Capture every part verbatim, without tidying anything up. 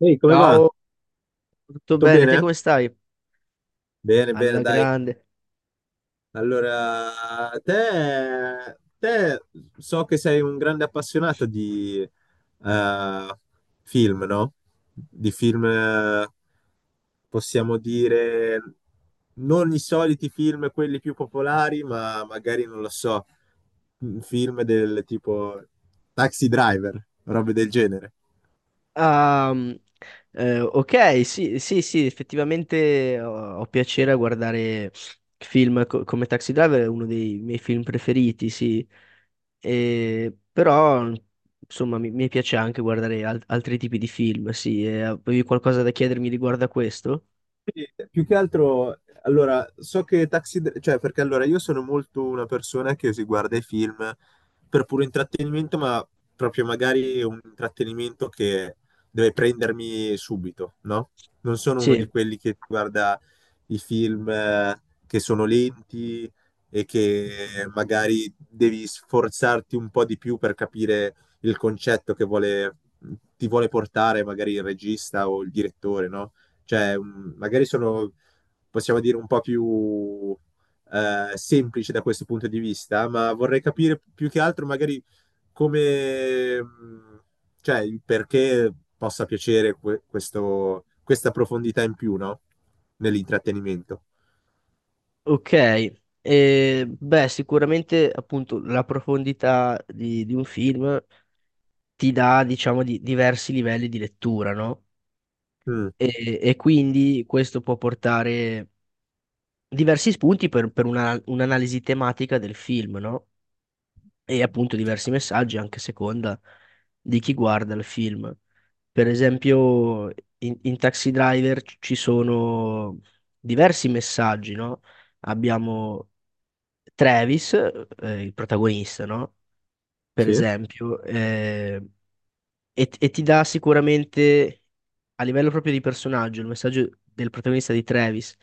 Ehi, come va? Ciao, tutto Tutto bene? Te bene? come stai? Bene, bene, Alla dai. grande. Allora, te, te so che sei un grande appassionato di eh, film, no? Di film, eh, possiamo dire, non i soliti film, quelli più popolari, ma magari, non lo so, film del tipo Taxi Driver, robe del genere. Ah, mm, eh, ok, sì, sì, sì, effettivamente ho, ho piacere a guardare film co- come Taxi Driver, è uno dei miei film preferiti, sì. E però, insomma, mi, mi piace anche guardare al- altri tipi di film, sì. E avevi qualcosa da chiedermi riguardo a questo? Sì, più che altro, allora, so che Taxi, Dr- cioè perché allora io sono molto una persona che si guarda i film per puro intrattenimento, ma proprio magari un intrattenimento che deve prendermi subito, no? Non sono uno Sì, di quelli che guarda i film eh, che sono lenti e che magari devi sforzarti un po' di più per capire il concetto che vuole, ti vuole portare magari il regista o il direttore, no? Cioè, mh, magari sono, possiamo dire, un po' più eh, semplici da questo punto di vista, ma vorrei capire più che altro magari come, mh, cioè, il perché possa piacere que- questo- questa profondità in più, no? Nell'intrattenimento. ok. Eh, beh, sicuramente appunto la profondità di, di un film ti dà, diciamo, di diversi livelli di lettura, no? Mm, E, e quindi questo può portare diversi spunti per, per una- un'analisi tematica del film, no? E appunto diversi messaggi anche a seconda di chi guarda il film. Per esempio, in, in Taxi Driver ci ci sono diversi messaggi, no? Abbiamo Travis, eh, il protagonista, no? Per sì, esempio, eh, e, e ti dà sicuramente a livello proprio di personaggio il messaggio del protagonista di Travis.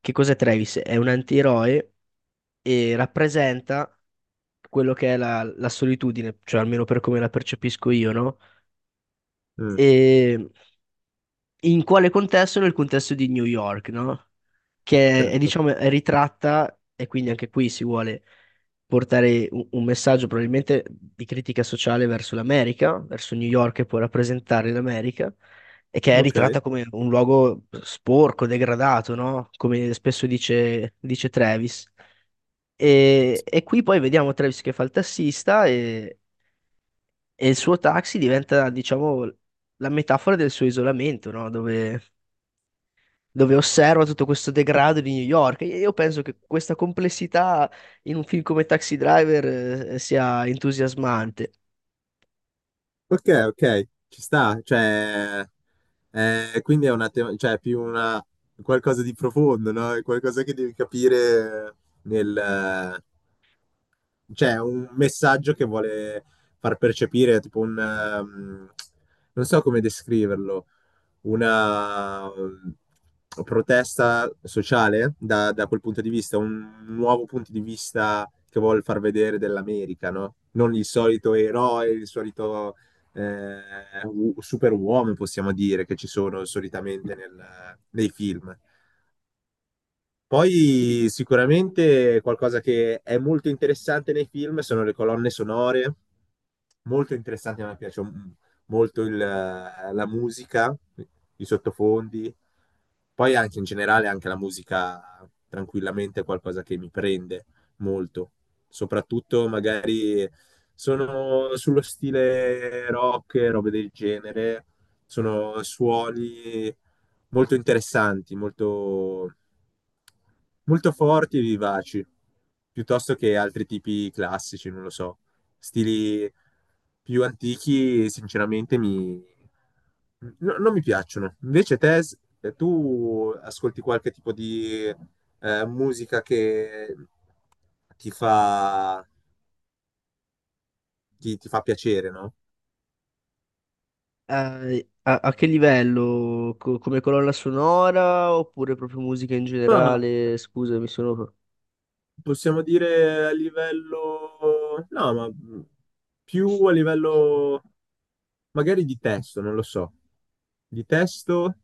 Che cos'è Travis? È un antieroe e rappresenta quello che è la, la solitudine, cioè almeno per come la percepisco io, no? mm, E in quale contesto? Nel contesto di New York, no? Che è, certo. diciamo, è ritratta e quindi anche qui si vuole portare un, un messaggio probabilmente di critica sociale verso l'America, verso New York che può rappresentare l'America e che è Ok. ritratta come un luogo sporco, degradato, no? Come spesso dice, dice Travis. E, e qui poi vediamo Travis che fa il tassista e, e il suo taxi diventa, diciamo, la metafora del suo isolamento, no? Dove dove osserva tutto questo degrado di New York. E io penso che questa complessità in un film come Taxi Driver eh, sia entusiasmante. Ok, ok, ci sta, cioè, eh, quindi è una te- cioè, è più una, qualcosa di profondo, no? È qualcosa che devi capire nel, cioè, un messaggio che vuole far percepire, tipo un, ehm, non so come descriverlo, una mh, protesta sociale da, da quel punto di vista, un nuovo punto di vista che vuol far vedere dell'America, no? Non il solito eroe, il solito eh, u- superuomo, possiamo dire, che ci sono solitamente nel- nei film. Sì. Poi sicuramente qualcosa che è molto interessante nei film sono le colonne sonore, molto interessanti, a me piace m- molto il, eh, la musica, i sottofondi, poi anche in generale anche la musica tranquillamente è qualcosa che mi prende molto, soprattutto magari sono sullo stile rock, robe del genere, sono suoni molto interessanti, molto, molto forti e vivaci, piuttosto che altri tipi classici, non lo so. Stili più antichi, sinceramente, mi... no- non mi piacciono. Invece te, s- eh, tu ascolti qualche tipo di eh, musica che ti fa, ti, ti fa piacere, no? Eh, a, a che livello? Co- come colonna sonora oppure proprio musica in Ah. generale? Scusa, mi sono... Possiamo dire a livello... No, ma più a livello magari di testo, non lo so. Di testo?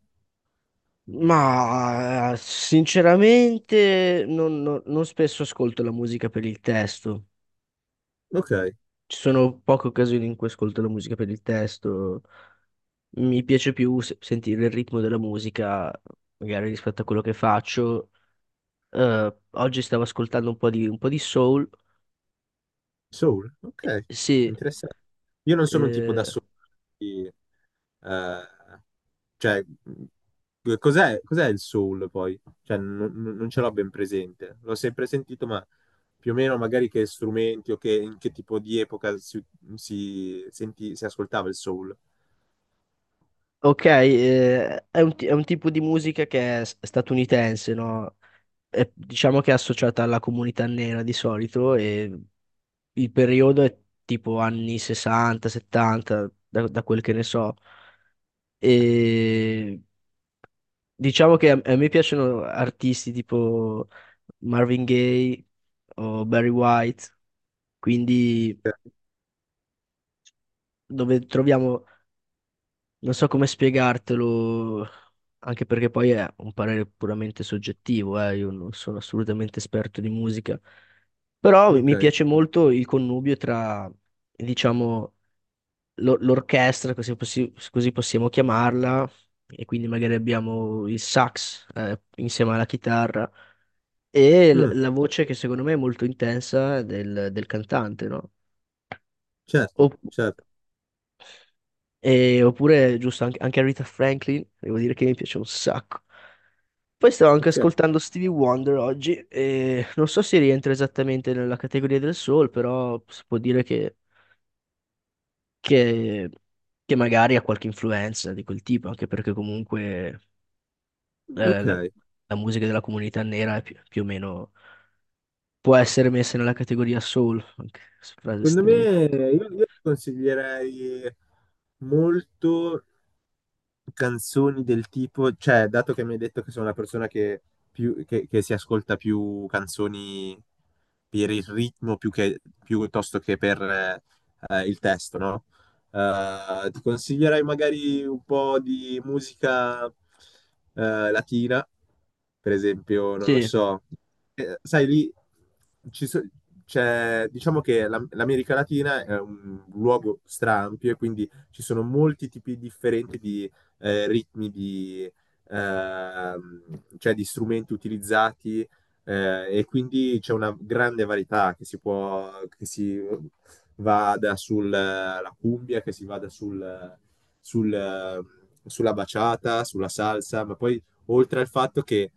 Ma eh, sinceramente non, non- non spesso ascolto la musica per il testo. Ok, Ci sono poche occasioni in cui ascolto la musica per il testo. Mi piace più se- sentire il ritmo della musica, magari rispetto a quello che faccio. Eh, oggi stavo ascoltando un po' di, un po' di soul. soul, ok, Sì, interessante. Io non sono un tipo da eh, soul. Quindi, eh, cioè, mh, cos'è cos'è il soul poi? Cioè, non, non- non ce l'ho ben presente. L'ho sempre sentito, ma più o meno magari che strumenti o che, in che tipo di epoca si, si senti- si ascoltava il soul. ok, eh, è un, ti- è un tipo di musica che è s- statunitense, no? È, diciamo che è associata alla comunità nera di solito e il periodo è tipo anni sessanta, settanta, da, da quel che ne so. E diciamo che a, a me piacciono artisti tipo Marvin Gaye o Barry White, quindi dove troviamo, non so come spiegartelo, anche perché poi è un parere puramente soggettivo, eh, io non sono assolutamente esperto di musica, però mi Ok. mi piace molto il connubio tra, diciamo, l'o- l'orchestra, così, possi- così possiamo chiamarla, e quindi magari abbiamo il sax, eh, insieme alla chitarra. E l- Mm, la voce che secondo me è molto intensa del, del cantante, no? certo, Opp- certo. E- oppure, giusto, anche, anche Aretha Franklin, devo dire che mi piace un sacco. Poi stavo anche Ok, ascoltando Stevie Wonder oggi e non so se rientra esattamente nella categoria del soul, però si può dire che, che- che magari ha qualche influenza di quel tipo, anche perché comunque eh, ok. la, la musica della comunità nera è più, più o meno può essere messa nella categoria soul, anche se frase Secondo estremamente... me io, io consiglierei molto canzoni del tipo, cioè, dato che mi hai detto che sono una persona che, più, che, che si ascolta più canzoni per il ritmo più che, piuttosto che per eh, eh, il testo, no? Eh, ti consiglierei magari un po' di musica eh, latina, per esempio, non lo Sì. so. Eh, sai, lì ci so- c'è, diciamo che la- l'America Latina è un luogo straampio e quindi ci sono molti tipi differenti eh, ritmi di, ehm, cioè di strumenti utilizzati eh, e quindi c'è una grande varietà che si può, che si vada sulla cumbia, che si vada sul, sul, eh, sulla baciata, sulla salsa, ma poi oltre al fatto che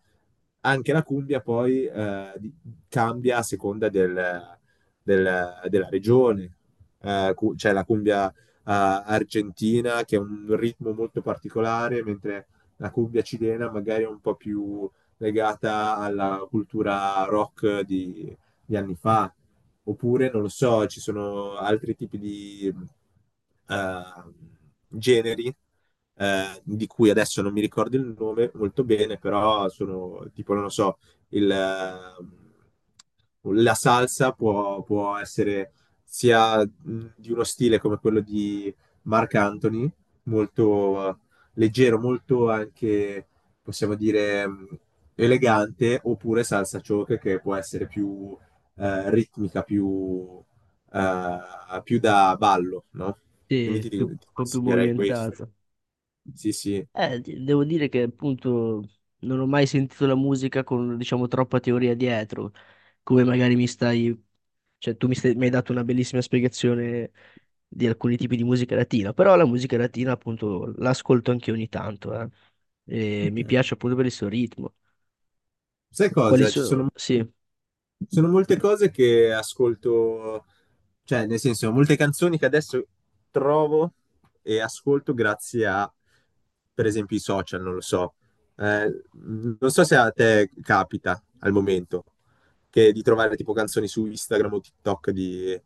anche la cumbia poi eh, di- cambia a seconda del- del- della regione. Eh, cu- c'è la cumbia argentina, che è un ritmo molto particolare, mentre la cumbia cilena magari è un po' più legata alla cultura rock di, di anni fa. Oppure, non lo so, ci sono altri tipi di eh, generi eh, di cui adesso non mi ricordo il nome molto bene, però sono tipo, non lo so, il, eh, la salsa può, può essere sia mh, di uno stile come quello di Mark Anthony, molto eh, leggero, molto anche, possiamo dire, mh, elegante, oppure salsa choke che può essere più eh, ritmica, più, eh, più da ballo, no? Quindi Sì, ti, più, dico- un ti po' più consiglierei questo. movimentata. Sì, sì. Eh, di- devo dire che appunto non ho mai sentito la musica con, diciamo, troppa teoria dietro, come magari mi stai, cioè tu mi, stai- mi hai dato una bellissima spiegazione di alcuni tipi di musica latina, però la musica latina appunto l'ascolto anche ogni tanto, eh. E Ok. mi piace appunto per il suo ritmo. Sai Quali cosa? Ci sono sono? Sì, eh, sono molte cose che ascolto, cioè nel senso, molte canzoni che adesso trovo e ascolto grazie a, per esempio, i social, non lo so. Eh, non so se a te capita al momento che di trovare tipo canzoni su Instagram o TikTok di,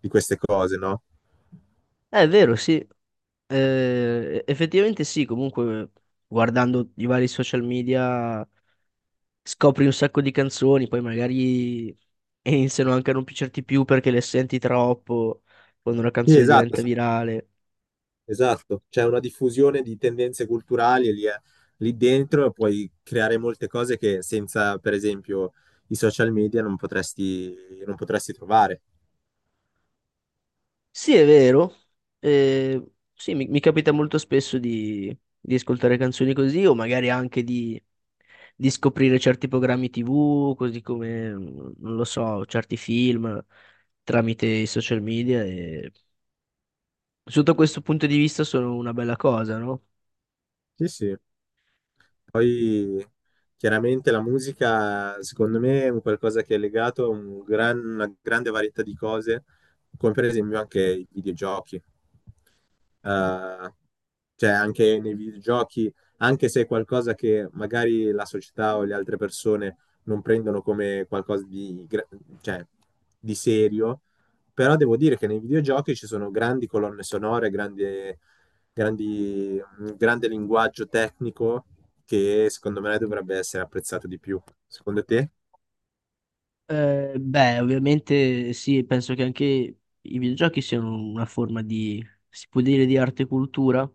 di queste cose, no? è vero, sì. Eh, effettivamente sì, comunque guardando i vari social media, scopri un sacco di canzoni, poi magari iniziano anche a non piacerti più perché le senti troppo quando una Sì, canzone esatto, diventa virale. esatto, c'è una diffusione di tendenze culturali e lì, è- lì dentro puoi creare molte cose che senza, per esempio, i social media non potresti, non potresti trovare. Sì, è vero. Eh, sì, mi, mi capita molto spesso di, di ascoltare canzoni così o magari anche di, di scoprire certi programmi ti vu, così come, mm, non lo so, certi film tramite i social media e sotto questo punto di vista sono una bella cosa, no? Sì, sì. Poi chiaramente la musica, secondo me, è un qualcosa che è legato a un gran- una grande varietà di cose, come per esempio anche i videogiochi. Eh, cioè anche nei videogiochi, anche se è qualcosa che magari la società o le altre persone non prendono come qualcosa di, gra- cioè, di serio, però devo dire che nei videogiochi ci sono grandi colonne sonore, grandi, grandi, un grande linguaggio tecnico che secondo me dovrebbe essere apprezzato di più. Secondo te? Eh, beh, ovviamente sì, penso che anche i videogiochi siano una forma di, si può dire, di arte e cultura. Ci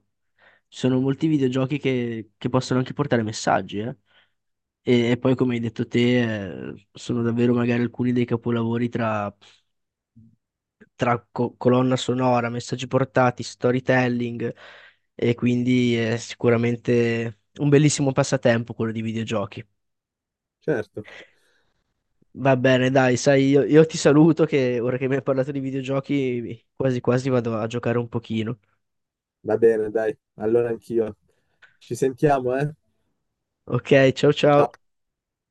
sono molti videogiochi che, che possono anche portare messaggi, eh. E, e poi, come hai detto te, eh, sono davvero magari alcuni dei capolavori tra, tra co- colonna sonora, messaggi portati, storytelling, e quindi è sicuramente un bellissimo passatempo quello di videogiochi. Certo. Va bene, dai, sai, io, io ti saluto che ora che mi hai parlato di videogiochi, quasi quasi vado a giocare un pochino. Va bene, dai. Allora anch'io. Ci sentiamo, eh? Ok, ciao Ciao. ciao.